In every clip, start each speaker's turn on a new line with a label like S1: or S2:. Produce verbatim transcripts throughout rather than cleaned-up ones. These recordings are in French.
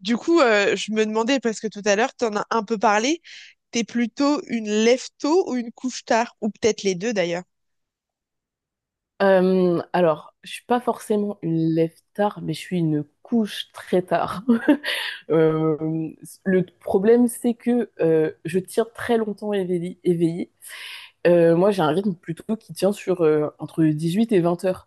S1: Du coup, euh, je me demandais, parce que tout à l'heure, tu en as un peu parlé, t'es plutôt une lève tôt ou une couche tard, ou peut-être les deux d'ailleurs.
S2: Euh, alors, je suis pas forcément une lève tard, mais je suis une couche très tard. Euh, le problème, c'est que euh, je tire très longtemps éveillée. éveillée. Euh, moi, j'ai un rythme plutôt qui tient sur euh, entre huit et vingt heures.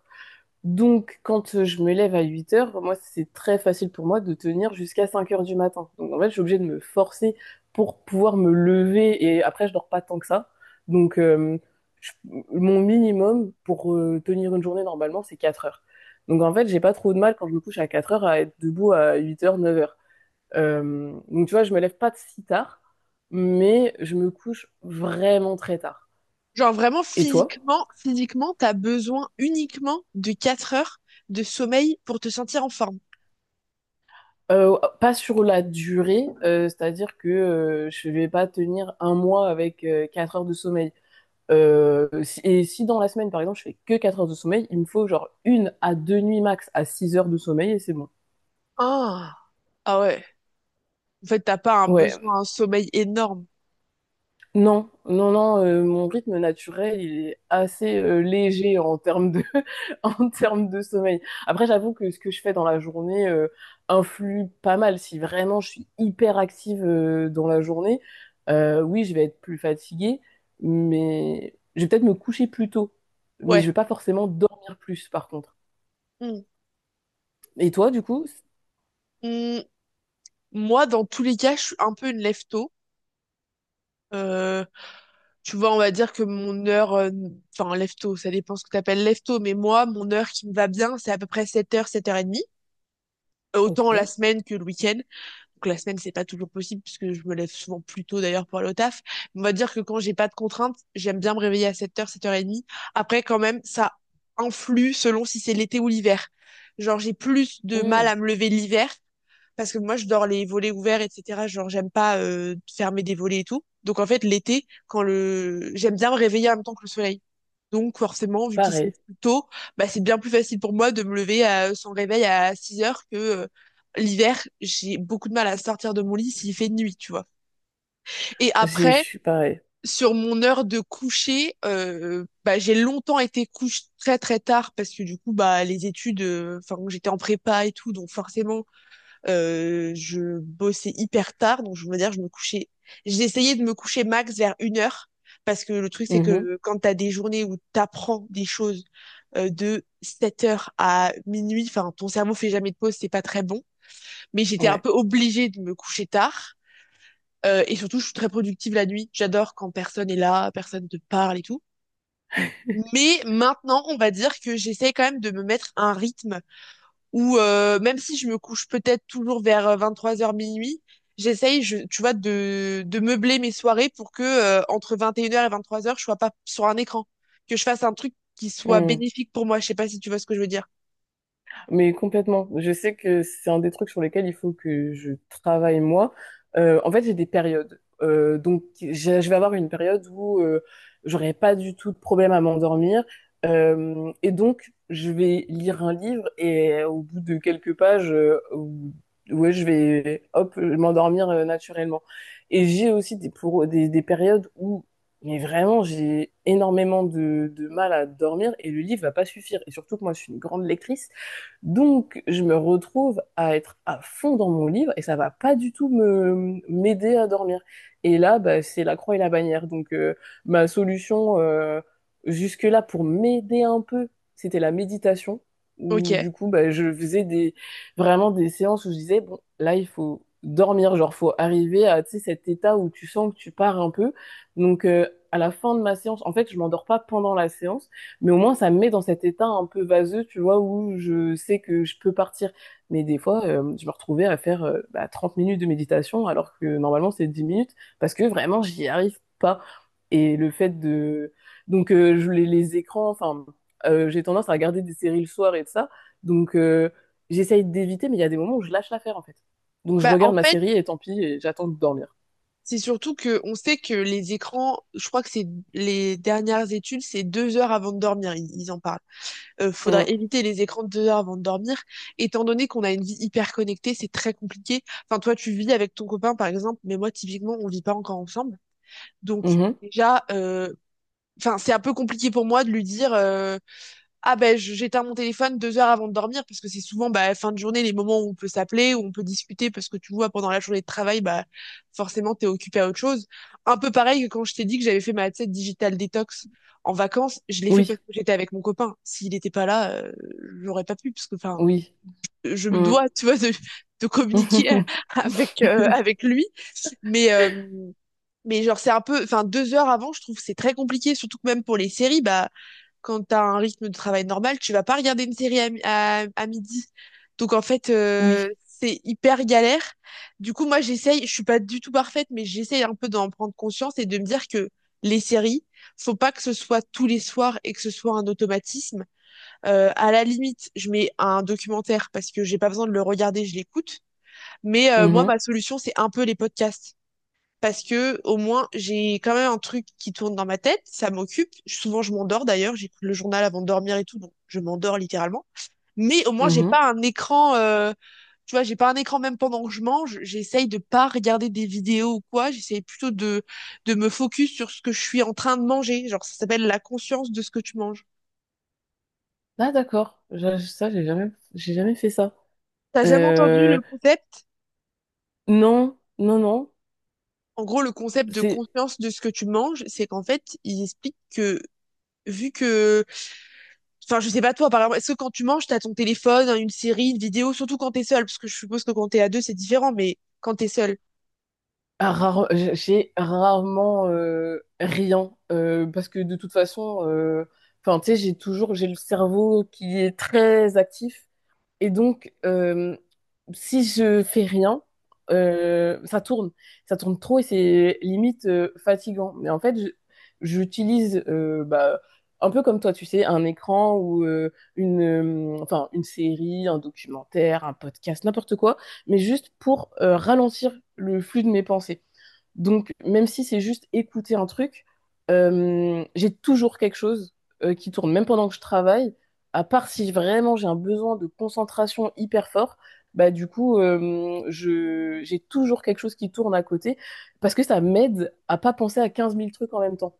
S2: Donc, quand euh, je me lève à huit heures, moi, c'est très facile pour moi de tenir jusqu'à cinq heures du matin. Donc, en fait, je suis obligée de me forcer pour pouvoir me lever et après, je dors pas tant que ça. Donc, euh, je- Mon minimum pour euh, tenir une journée normalement, c'est quatre heures. Donc, en fait, j'ai pas trop de mal quand je me couche à quatre heures à être debout à huit heures, neuf heures. Euh, donc, tu vois, je me lève pas si tard, mais je me couche vraiment très tard.
S1: Genre vraiment
S2: Et toi?
S1: physiquement, physiquement, t'as besoin uniquement de quatre heures de sommeil pour te sentir en forme.
S2: Euh, pas sur la durée, euh, c'est-à-dire que euh, je vais pas tenir un mois avec euh, quatre heures de sommeil. Euh, si- et si dans la semaine, par exemple, je fais que quatre heures de sommeil, il me faut genre une à deux nuits max à six heures de sommeil et c'est bon.
S1: Ah, ah ouais. En fait, t'as pas un
S2: Ouais.
S1: besoin, un sommeil énorme.
S2: Non, non, non, euh, mon rythme naturel, il est assez euh, léger en termes de, en termes de sommeil. Après, j'avoue que ce que je fais dans la journée euh, influe pas mal. Si vraiment je suis hyper active euh, dans la journée, euh, oui, je vais être plus fatiguée, mais je vais peut-être me coucher plus tôt. Mais je
S1: Ouais.
S2: vais pas forcément dormir plus, par contre.
S1: Hmm.
S2: Et toi, du coup? c-
S1: Hmm. Moi, dans tous les cas, je suis un peu une lève tôt. Tu vois, on va dire que mon heure, euh, enfin, lève-tôt, ça dépend ce que t'appelles lève-tôt, mais moi, mon heure qui me va bien, c'est à peu près sept heures sept heures et demie. Euh, Autant la
S2: Ok.
S1: semaine que le week-end. Donc la semaine, c'est pas toujours possible puisque je me lève souvent plus tôt d'ailleurs pour aller au taf. On va dire que quand j'ai pas de contraintes, j'aime bien me réveiller à sept heures, sept heures trente. Après, quand même, ça influe selon si c'est l'été ou l'hiver. Genre, j'ai plus de mal
S2: Hmm.
S1: à me lever l'hiver parce que moi je dors les volets ouverts, etc. Genre j'aime pas euh, fermer des volets et tout. Donc en fait l'été, quand le j'aime bien me réveiller en même temps que le soleil, donc forcément vu qu'il se lève
S2: Pareil.
S1: plus tôt, bah c'est bien plus facile pour moi de me lever à, sans réveil à six heures que euh, l'hiver. J'ai beaucoup de mal à sortir de mon lit s'il fait nuit, tu vois. Et
S2: Je je
S1: après
S2: suis pareil.
S1: sur mon heure de coucher, euh, bah j'ai longtemps été couche très très tard parce que du coup bah les études, euh, enfin j'étais en prépa et tout, donc forcément euh, je bossais hyper tard, donc je veux dire, je me couchais. J'essayais de me coucher max vers une heure, parce que le truc, c'est
S2: Mhm.
S1: que quand t'as des journées où t'apprends des choses euh, de sept heures à minuit, enfin, ton cerveau fait jamais de pause, c'est pas très bon. Mais j'étais un
S2: Ouais.
S1: peu obligée de me coucher tard. Euh, et surtout, je suis très productive la nuit. J'adore quand personne est là, personne te parle et tout. Mais maintenant, on va dire que j'essaie quand même de me mettre un rythme ou euh, même si je me couche peut-être toujours vers vingt-trois heures minuit, j'essaye, je, tu vois, de, de meubler mes soirées pour que euh, entre vingt et une heures et vingt-trois heures, je sois pas sur un écran, que je fasse un truc qui soit bénéfique pour moi. Je sais pas si tu vois ce que je veux dire.
S2: Mais complètement. Je sais que c'est un des trucs sur lesquels il faut que je travaille moi. Euh, en fait, j'ai des périodes. Euh, donc, j'ai- je vais avoir une période où euh, j'aurai pas du tout de problème à m'endormir. Euh, et donc, je vais lire un livre et au bout de quelques pages, euh, ou- ouais, je vais hop m'endormir euh, naturellement. Et j'ai aussi des, pour, des, des périodes où mais vraiment, j'ai énormément de, de mal à dormir et le livre va pas suffire. Et surtout que moi, je suis une grande lectrice. Donc, je me retrouve à être à fond dans mon livre et ça va pas du tout me m'aider à dormir. Et là, bah, c'est la croix et la bannière. Donc, euh, ma solution euh, jusque-là pour m'aider un peu, c'était la méditation. Où
S1: Ok.
S2: du coup, bah, je faisais des vraiment des séances où je disais bon, là, il faut dormir, genre faut arriver à tu sais, cet état où tu sens que tu pars un peu. Donc, euh, à la fin de ma séance, en fait, je m'endors pas pendant la séance. Mais au moins, ça me met dans cet état un peu vaseux, tu vois, où je sais que je peux partir. Mais des fois, euh, je me retrouvais à faire euh, bah, trente minutes de méditation, alors que normalement, c'est dix minutes, parce que vraiment, j'y arrive pas. Et le fait de... Donc, euh, je, les, les écrans, enfin, euh, j'ai tendance à regarder des séries le soir et de ça. Donc, euh, J'essaye d'éviter, mais il y a des moments où je lâche l'affaire, en fait. Donc, je
S1: Bah en
S2: regarde ma
S1: fait,
S2: série et tant pis, et j'attends de dormir.
S1: c'est surtout que on sait que les écrans, je crois que c'est les dernières études, c'est deux heures avant de dormir, ils, ils en parlent. Euh, faudrait
S2: Mm.
S1: éviter les écrans deux heures avant de dormir. Étant donné qu'on a une vie hyper connectée, c'est très compliqué. Enfin, toi, tu vis avec ton copain, par exemple, mais moi, typiquement, on vit pas encore ensemble. Donc,
S2: Mhm.
S1: déjà, euh, enfin, c'est un peu compliqué pour moi de lui dire, euh, ah ben je- j'éteins mon téléphone deux heures avant de dormir, parce que c'est souvent bah, fin de journée les moments où on peut s'appeler, où on peut discuter parce que tu vois pendant la journée de travail bah forcément t'es occupé à autre chose. Un peu pareil que quand je t'ai dit que j'avais fait ma, tu sais, digital détox en vacances, je l'ai fait
S2: Oui,
S1: parce que j'étais avec mon copain. S'il n'était pas là, euh, j'aurais pas pu parce que enfin
S2: oui.
S1: je me
S2: Mm.
S1: dois, tu vois, de, de communiquer avec euh, avec lui. Mais euh, mais genre, c'est un peu, enfin, deux heures avant, je trouve que c'est très compliqué, surtout que même pour les séries, bah, quand t'as un rythme de travail normal, tu vas pas regarder une série à, mi- à, à midi. Donc, en fait, euh,
S2: Oui.
S1: c'est hyper galère. Du coup, moi, j'essaye, je suis pas du tout parfaite, mais j'essaye un peu d'en prendre conscience et de me dire que les séries, faut pas que ce soit tous les soirs et que ce soit un automatisme. Euh, à la limite, je mets un documentaire parce que j'ai pas besoin de le regarder, je l'écoute. Mais euh, moi,
S2: Mhm.
S1: ma solution, c'est un peu les podcasts parce que au moins j'ai quand même un truc qui tourne dans ma tête, ça m'occupe. Souvent je m'endors d'ailleurs, j'écoute le journal avant de dormir et tout, donc je m'endors littéralement. Mais au moins j'ai
S2: Mhm.
S1: pas un écran, euh, tu vois, j'ai pas un écran même pendant que je mange. J'essaye de pas regarder des vidéos ou quoi. J'essaye plutôt de de me focus sur ce que je suis en train de manger. Genre ça s'appelle la conscience de ce que tu manges.
S2: Ah d'accord. Je- ça j'ai jamais j'ai jamais fait ça.
S1: T'as jamais entendu
S2: Euh,
S1: le concept?
S2: non, non, non,
S1: En gros, le concept de
S2: c'est
S1: conscience de ce que tu manges, c'est qu'en fait, il explique que vu que enfin, je sais pas toi, par exemple, est-ce que quand tu manges, t'as ton téléphone, une série, une vidéo, surtout quand t'es seul, parce que je suppose que quand t'es à deux, c'est différent, mais quand t'es seul.
S2: rare, j'ai rarement euh, rien euh, parce que de toute façon, euh, enfin tu sais, j'ai toujours j'ai le cerveau qui est très actif. Et donc, euh, si je fais rien, euh, ça tourne. Ça tourne trop et c'est limite euh, fatigant. Mais en fait, je- j'utilise euh, bah, un peu comme toi, tu sais, un écran ou euh, une, euh, enfin, une série, un documentaire, un podcast, n'importe quoi, mais juste pour euh, ralentir le flux de mes pensées. Donc, même si c'est juste écouter un truc, euh, j'ai toujours quelque chose euh, qui tourne, même pendant que je travaille, à part si vraiment j'ai un besoin de concentration hyper fort, bah du coup, euh, je, j'ai toujours quelque chose qui tourne à côté, parce que ça m'aide à pas penser à quinze mille trucs en même temps.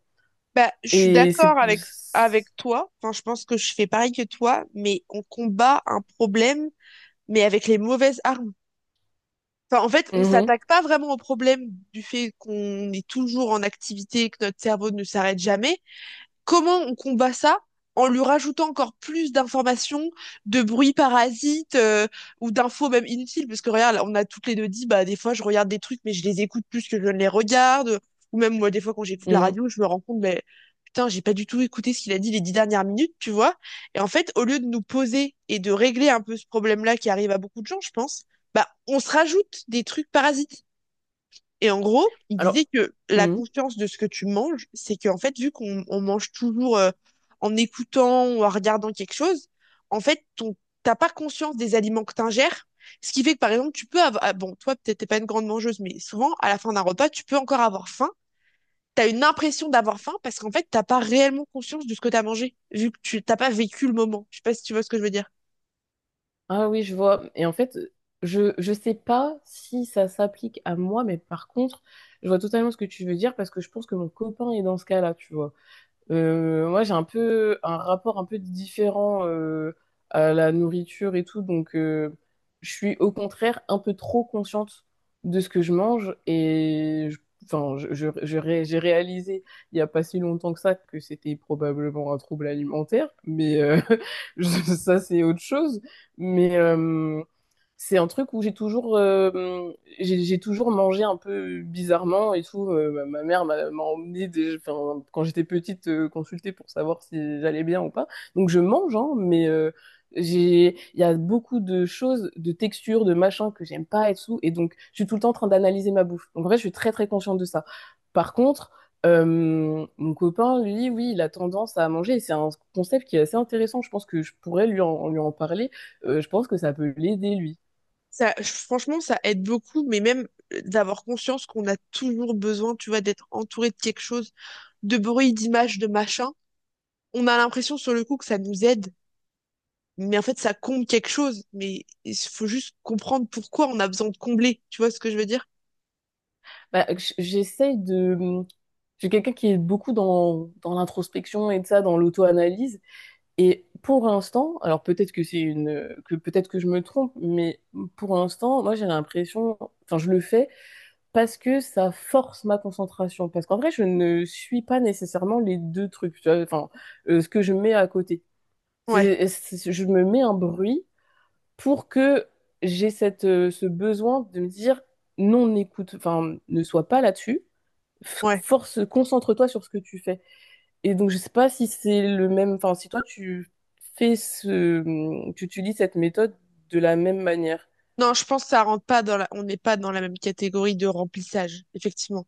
S1: Bah, je suis
S2: Et c'est...
S1: d'accord avec avec toi. Enfin, je pense que je fais pareil que toi, mais on combat un problème, mais avec les mauvaises armes. Enfin, en fait, on
S2: Mhm,
S1: s'attaque pas vraiment au problème du fait qu'on est toujours en activité, que notre cerveau ne s'arrête jamais. Comment on combat ça? En lui rajoutant encore plus d'informations, de bruits parasites, euh, ou d'infos même inutiles? Parce que regarde, on a toutes les deux dit, bah des fois je regarde des trucs mais je les écoute plus que je ne les regarde. Ou même moi des fois quand j'écoute la
S2: mhm.
S1: radio, je me rends compte, mais putain, j'ai pas du tout écouté ce qu'il a dit les dix dernières minutes, tu vois. Et en fait, au lieu de nous poser et de régler un peu ce problème-là qui arrive à beaucoup de gens, je pense, bah on se rajoute des trucs parasites. Et en gros, il disait
S2: Alors...
S1: que la
S2: mhm.
S1: conscience de ce que tu manges, c'est qu'en fait, vu qu'on on mange toujours euh, en écoutant ou en regardant quelque chose, en fait, ton, t'as pas conscience des aliments que t'ingères. Ce qui fait que, par exemple, tu peux avoir, ah, bon, toi, peut-être t'es pas une grande mangeuse, mais souvent, à la fin d'un repas, tu peux encore avoir faim. T'as une impression d'avoir faim parce qu'en fait, t'as pas réellement conscience de ce que t'as mangé, vu que tu t'as pas vécu le moment. Je sais pas si tu vois ce que je veux dire.
S2: Ah oui, je vois. Et en fait, je je sais pas si ça s'applique à moi, mais par contre, je vois totalement ce que tu veux dire parce que je pense que mon copain est dans ce cas-là, tu vois. Euh, moi, j'ai un peu un rapport un peu différent euh, à la nourriture et tout, donc euh, je suis au contraire un peu trop consciente de ce que je mange et je- enfin, je, je- je ré- j'ai réalisé il n'y a pas si longtemps que ça que c'était probablement un trouble alimentaire, mais euh, je- ça c'est autre chose. Mais euh, c'est un truc où j'ai toujours, euh, j'ai j'ai toujours mangé un peu bizarrement et tout. Euh, ma, ma mère m'a m'a emmené des- enfin, quand j'étais petite euh, consulter pour savoir si j'allais bien ou pas. Donc je mange, hein, mais euh, j'ai, il y a beaucoup de choses, de textures, de machins que j'aime pas et tout. Et donc je suis tout le temps en train d'analyser ma bouffe. Donc en fait, je suis très très consciente de ça. Par contre, euh, mon copain, lui, oui, il a tendance à manger. Et c'est un concept qui est assez intéressant. Je pense que je pourrais lui en, lui en parler. Euh, je pense que ça peut l'aider, lui.
S1: Ça, franchement, ça aide beaucoup, mais même euh, d'avoir conscience qu'on a toujours besoin, tu vois, d'être entouré de quelque chose, de bruit, d'images, de machin. On a l'impression sur le coup que ça nous aide, mais en fait, ça comble quelque chose. Mais il faut juste comprendre pourquoi on a besoin de combler. Tu vois ce que je veux dire?
S2: Bah, j- j'essaye de... Je suis quelqu'un qui est beaucoup dans, dans l'introspection et de ça, dans l'auto-analyse. Et pour l'instant, alors peut-être que c'est une... que peut-être que je me trompe, mais pour l'instant, moi j'ai l'impression... Enfin, je le fais parce que ça force ma concentration. Parce qu'en vrai, je ne suis pas nécessairement les deux trucs. Tu vois, enfin, euh, ce que je mets à côté.
S1: Ouais,
S2: C'est, c'est- je me mets un bruit pour que j'ai cette, euh, ce besoin de me dire non, n'écoute, enfin, ne sois pas là-dessus
S1: ouais.
S2: force, concentre-toi sur ce que tu fais. Et donc, je sais pas si c'est le même, enfin, si toi, tu fais ce, tu utilises cette méthode de la même manière.
S1: Non, je pense que ça rentre pas dans la... On n'est pas dans la même catégorie de remplissage, effectivement.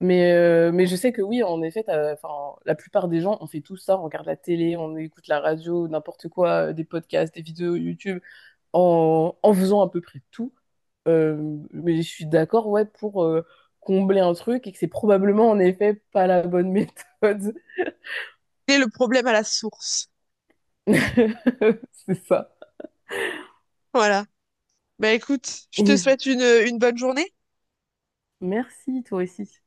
S2: Mais, euh, mais je sais que oui, en effet, t'as- enfin, la plupart des gens, on fait tout ça, on regarde la télé, on écoute la radio, n'importe quoi, euh, des podcasts, des vidéos YouTube, en, en faisant à peu près tout. Euh, mais je suis d'accord, ouais, pour euh, combler un truc et que c'est probablement en effet pas la bonne méthode.
S1: C'est le problème à la source.
S2: C'est ça.
S1: Voilà. Bah écoute, je te souhaite une, une bonne journée.
S2: Merci, toi aussi.